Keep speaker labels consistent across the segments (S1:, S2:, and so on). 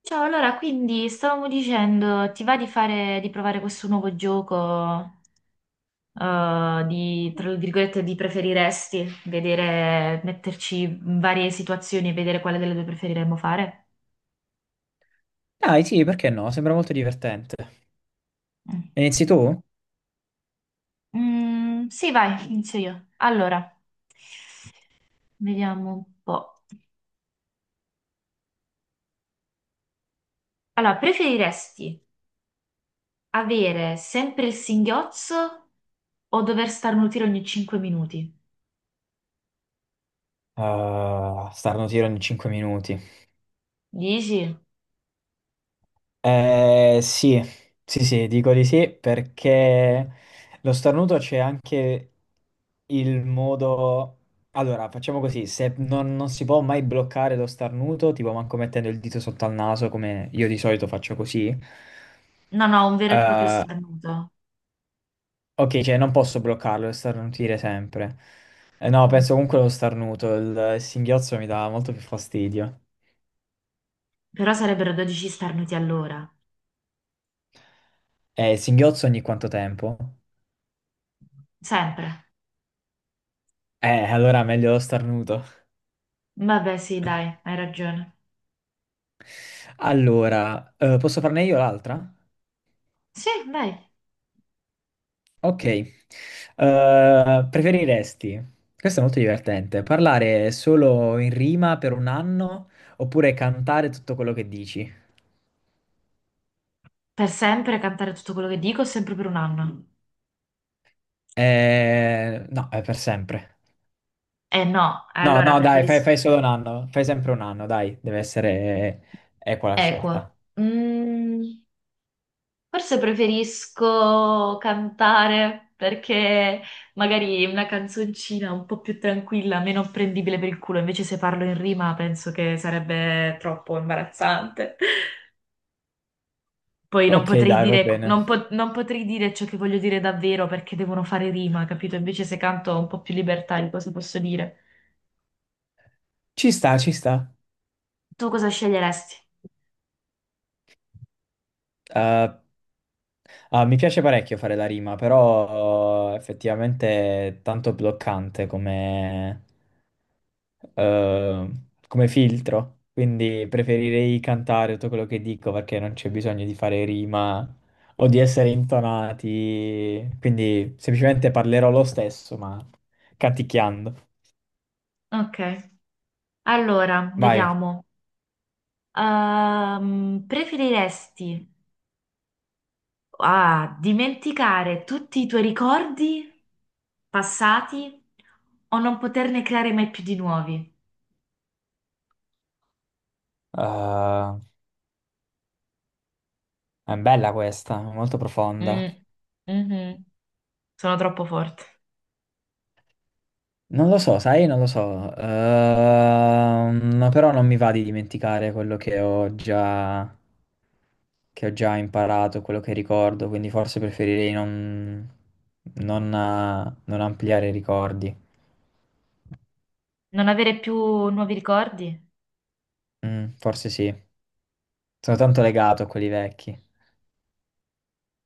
S1: Ciao, allora, quindi stavamo dicendo, ti va di provare questo nuovo gioco, di, tra virgolette, di preferiresti, vedere, metterci in varie situazioni e vedere quale delle due preferiremmo fare?
S2: Dai, sì, perché no? Sembra molto divertente.
S1: Mm.
S2: Inizi tu?
S1: Mm, sì, vai, inizio io. Allora, vediamo un po'. Allora, preferiresti avere sempre il singhiozzo o dover starnutire ogni 5 minuti?
S2: Ah, starno tiro in 5 minuti.
S1: Dici?
S2: Sì, sì, sì, dico di sì perché lo starnuto c'è anche il modo... Allora, facciamo così, se non si può mai bloccare lo starnuto, tipo manco mettendo il dito sotto al naso, come io di solito faccio così,
S1: No, no, un vero e proprio
S2: eh,
S1: starnuto.
S2: Ok, cioè non posso bloccarlo e starnutire sempre. No, penso comunque lo starnuto, il singhiozzo mi dà molto più fastidio.
S1: Però sarebbero 12 starnuti all'ora.
S2: Il singhiozzo ogni quanto tempo?
S1: Sempre.
S2: Allora meglio lo starnuto.
S1: Vabbè, sì, dai, hai ragione.
S2: Allora, posso farne io l'altra?
S1: Sì, dai.
S2: Ok. Preferiresti, questo è molto divertente, parlare solo in rima per un anno oppure cantare tutto quello che dici?
S1: Per sempre cantare tutto quello che dico, sempre per un anno.
S2: No, è per sempre.
S1: Eh no,
S2: No, no,
S1: allora
S2: dai, fai,
S1: preferisco.
S2: fai solo un anno, fai sempre un anno, dai, deve essere equa la
S1: Equo.
S2: scelta.
S1: Mm, forse preferisco cantare perché magari una canzoncina un po' più tranquilla, meno prendibile per il culo. Invece se parlo in rima penso che sarebbe troppo imbarazzante. Poi non
S2: Ok,
S1: potrei
S2: dai, va
S1: dire,
S2: bene.
S1: non po- non potrei dire ciò che voglio dire davvero perché devono fare rima, capito? Invece se canto ho un po' più libertà di cosa posso dire.
S2: Ci sta, ci sta.
S1: Tu cosa sceglieresti?
S2: Eh, Mi piace parecchio fare la rima, però effettivamente è tanto bloccante come, eh, come filtro, quindi preferirei cantare tutto quello che dico perché non c'è bisogno di fare rima o di essere intonati, quindi semplicemente parlerò lo stesso, ma canticchiando.
S1: Ok, allora,
S2: Vai.
S1: vediamo. Preferiresti dimenticare tutti i tuoi ricordi passati o non poterne creare mai più di nuovi?
S2: Ah, è bella questa, molto
S1: Mm,
S2: profonda.
S1: mhm. Sono troppo forte.
S2: Non lo so, sai, non lo so. Però non mi va di dimenticare quello che ho già imparato, quello che ricordo, quindi forse preferirei non ampliare i ricordi.
S1: Non avere più nuovi ricordi?
S2: Forse sì. Sono tanto legato a quelli vecchi.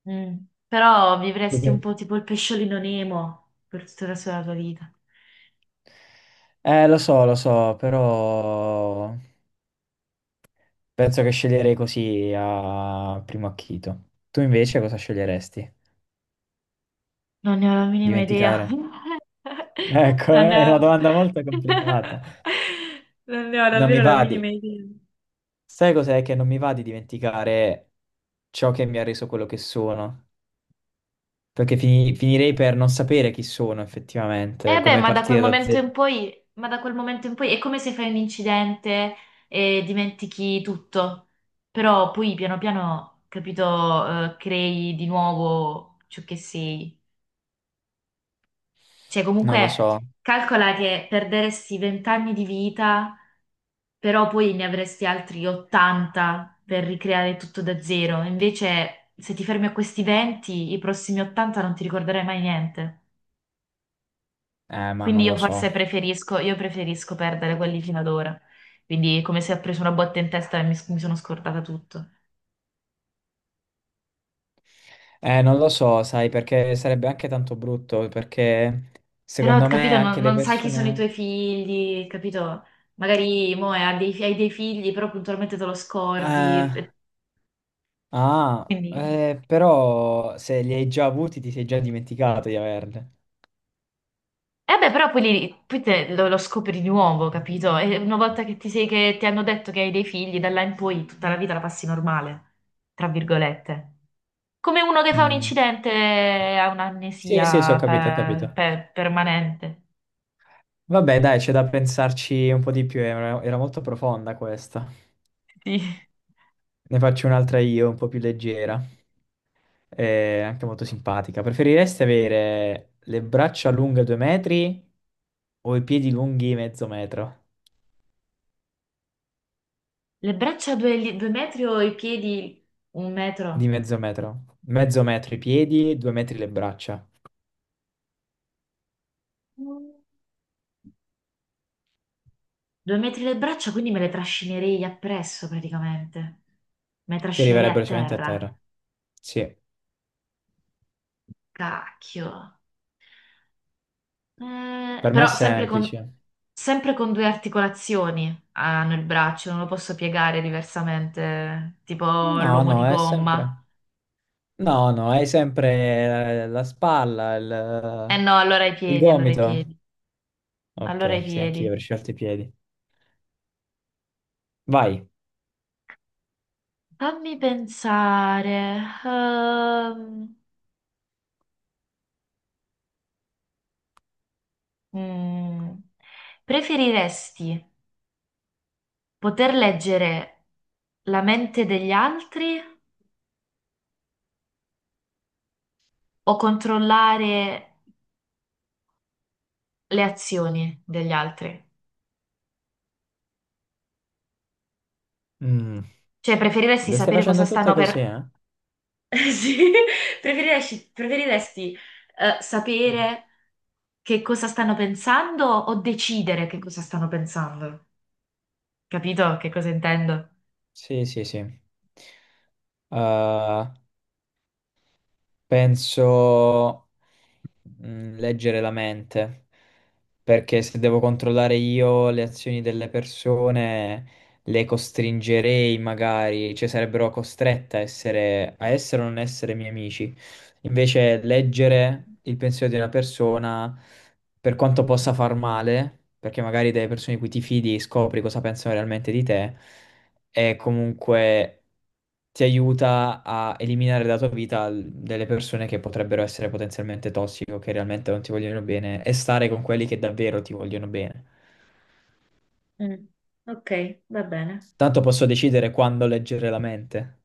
S1: Mm. Però vivresti un
S2: Dove-
S1: po' tipo il pesciolino Nemo per tutta la tua vita.
S2: Lo so, però... Penso che sceglierei così a primo acchito. Tu invece cosa sceglieresti?
S1: Non ne ho la minima idea.
S2: Dimenticare? Ecco,
S1: Non ne
S2: è una
S1: ho.
S2: domanda molto complicata.
S1: Non ne ho
S2: Non mi
S1: davvero la
S2: va di...
S1: minima idea.
S2: Sai cos'è che non mi va di dimenticare ciò che mi ha reso quello che sono? Perché finirei per non sapere chi sono effettivamente,
S1: Eh beh,
S2: come
S1: ma da quel
S2: partire da
S1: momento in
S2: zero.
S1: poi è come se fai un incidente e dimentichi tutto. Però poi piano piano, capito, crei di nuovo ciò che sei. Cioè,
S2: Non lo
S1: comunque,
S2: so.
S1: calcola che perderesti 20 anni di vita, però poi ne avresti altri 80 per ricreare tutto da zero. Invece, se ti fermi a questi 20, i prossimi 80 non ti ricorderai mai niente.
S2: Ma
S1: Quindi
S2: non
S1: io
S2: lo so.
S1: forse preferisco, io preferisco perdere quelli fino ad ora. Quindi, come se ho preso una botta in testa e mi sono scordata tutto.
S2: Non lo so, sai, perché sarebbe anche tanto brutto, perché
S1: Però,
S2: secondo me
S1: capito, non,
S2: anche le
S1: non sai chi sono i
S2: persone...
S1: tuoi figli, capito? Magari mo, hai dei figli, però puntualmente te lo
S2: Eh,
S1: scordi. Quindi.
S2: Però se li hai già avuti ti sei già
S1: E
S2: dimenticato di averle.
S1: beh, però poi, poi te lo scopri di nuovo, capito? E una volta che ti hanno detto che hai dei figli, da là in poi tutta la vita la passi normale, tra virgolette. Come uno che fa un
S2: Mm.
S1: incidente e ha
S2: Sì, sì, sì, ho
S1: un'amnesia
S2: capito, ho capito.
S1: permanente.
S2: Vabbè, dai, c'è da pensarci un po' di più, era molto profonda questa.
S1: Sì.
S2: Ne faccio un'altra io, un po' più leggera e anche molto simpatica. Preferiresti avere le braccia lunghe due metri o i piedi lunghi mezzo metro?
S1: Le braccia due, due metri o i piedi un
S2: Di
S1: metro?
S2: mezzo metro. Mezzo metro i piedi, due metri le braccia.
S1: Due metri le braccia, quindi me le trascinerei appresso praticamente. Me le
S2: Ti
S1: trascinerei a
S2: arriverebbero sicuramente a
S1: terra.
S2: terra. Sì,
S1: Cacchio.
S2: per me è
S1: Però sempre con,
S2: semplice.
S1: sempre con due articolazioni hanno il braccio, non lo posso piegare diversamente, tipo
S2: No,
S1: l'uomo
S2: no,
S1: di
S2: è sempre...
S1: gomma.
S2: No, no, hai sempre la spalla,
S1: Eh
S2: il,
S1: no,
S2: il gomito. Ok,
S1: allora i
S2: sì, anch'io
S1: piedi.
S2: avrei scelto i piedi. Vai.
S1: Fammi pensare. ehm, mm, preferiresti poter leggere la mente degli altri o controllare le azioni degli altri?
S2: Mm,
S1: Cioè, preferiresti
S2: Le stai
S1: sapere cosa
S2: facendo tutte
S1: stanno
S2: così,
S1: per.
S2: eh?
S1: Sì, preferiresti, sapere che cosa stanno pensando o decidere che cosa stanno pensando? Capito che cosa intendo?
S2: Sì, sì, sì. Uh, Penso. Leggere la mente, perché se devo controllare io le azioni delle persone, le costringerei magari, cioè sarebbero costrette a essere o non essere miei amici. Invece leggere il pensiero di una persona, per quanto possa far male, perché magari delle persone di cui ti fidi scopri cosa pensano realmente di te, è comunque ti aiuta a eliminare dalla tua vita delle persone che potrebbero essere potenzialmente tossiche o che realmente non ti vogliono bene e stare con quelli che davvero ti vogliono bene.
S1: Mm, ok, va bene.
S2: Tanto posso decidere quando leggere la mente.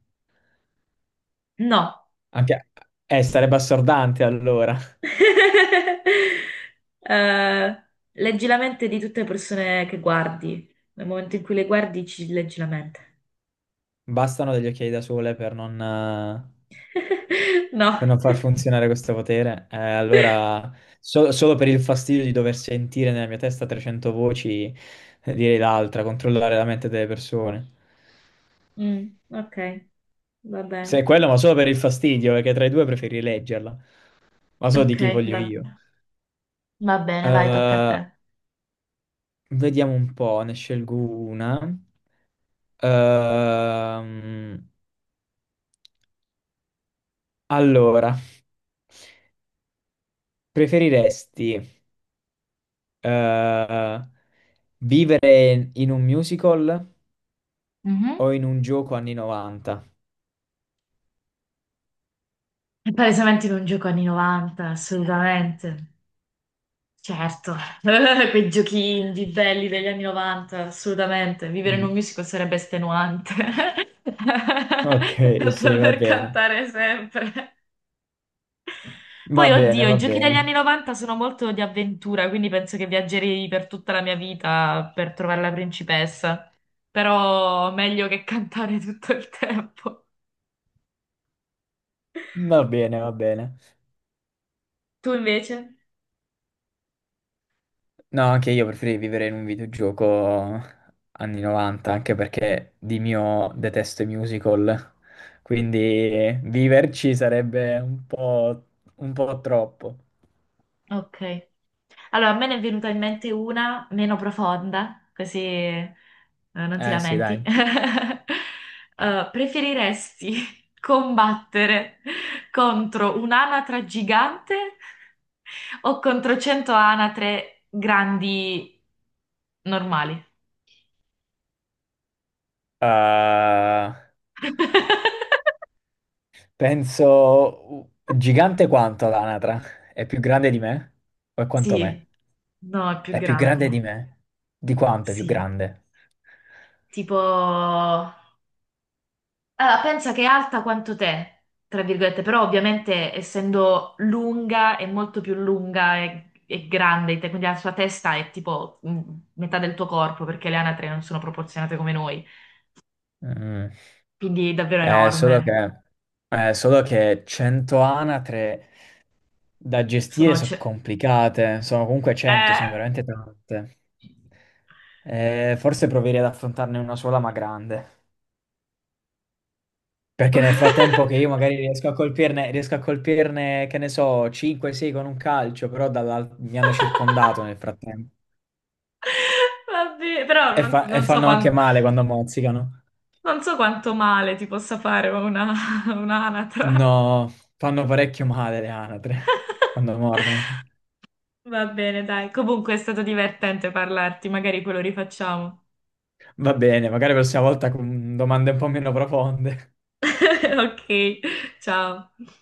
S1: No.
S2: Anche... sarebbe assordante allora.
S1: Eh, leggi la mente di tutte le persone che guardi. Nel momento in cui le guardi, ci leggi la mente.
S2: Bastano degli occhiali da sole per non, eh,
S1: No.
S2: per non far funzionare questo potere. Allora, solo per il fastidio di dover sentire nella mia testa 300 voci, direi l'altra, controllare la mente delle persone.
S1: Mm, ok, va
S2: Se è quello,
S1: bene.
S2: ma solo per il fastidio, perché tra i due preferi leggerla. Ma so di
S1: Ok,
S2: chi voglio
S1: va
S2: io.
S1: bene. Va bene, vai, tocca a
S2: Eh,
S1: te.
S2: Vediamo un po', ne scelgo una. Ehm, allora, preferiresti eh, vivere in un musical
S1: Mhm.
S2: o in un gioco anni 90?
S1: È palesemente non gioco anni 90, assolutamente. Certo, quei giochi indie belli degli anni 90, assolutamente. Vivere in un
S2: Mm,
S1: musical sarebbe estenuante,
S2: Ok, sì, va
S1: dover
S2: bene.
S1: cantare sempre.
S2: Va
S1: Poi,
S2: bene,
S1: oddio,
S2: va
S1: i giochi degli
S2: bene.
S1: anni 90 sono molto di avventura, quindi penso che viaggerei per tutta la mia vita per trovare la principessa. Però meglio che cantare tutto il tempo.
S2: Va bene, va bene.
S1: Tu invece?
S2: No, anche io preferirei vivere in un videogioco anni 90, anche perché di mio detesto i musical, quindi viverci sarebbe un po' troppo.
S1: Ok. Allora, a me ne è venuta in mente una meno profonda, così non ti
S2: Eh sì,
S1: lamenti.
S2: dai.
S1: Preferiresti combattere contro un'anatra gigante o contro 100 anatre grandi normali?
S2: Eh, Penso gigante quanto l'anatra? È più grande di me? O è quanto me?
S1: Sì, no, è più
S2: È più grande di
S1: grande.
S2: me? Di quanto è più
S1: Sì,
S2: grande?
S1: tipo. Allora, pensa che è alta quanto te, tra virgolette, però ovviamente essendo lunga è molto più lunga e grande di te, quindi la sua testa è tipo metà del tuo corpo, perché le anatre non sono proporzionate come noi,
S2: Mm.
S1: quindi è davvero
S2: Eh, solo
S1: enorme.
S2: che, solo che 100 anatre da gestire
S1: Sono...
S2: sono
S1: ce-
S2: complicate, sono comunque 100,
S1: Eh!
S2: sono veramente tante. Forse proverei ad affrontarne una sola, ma grande. Perché nel frattempo che io magari riesco a colpirne, che ne so, 5-6 con un calcio, però mi hanno circondato nel frattempo.
S1: Vabbè, però
S2: E,
S1: non,
S2: fa- e
S1: non so
S2: fanno
S1: quan-
S2: anche male quando mozzicano.
S1: non so quanto male ti possa fare un'anatra.
S2: No, fanno parecchio male le anatre quando mordono.
S1: Va bene, dai. Comunque è stato divertente parlarti, magari quello rifacciamo.
S2: Va bene, magari la prossima volta con domande un po' meno profonde.
S1: Ok, ciao.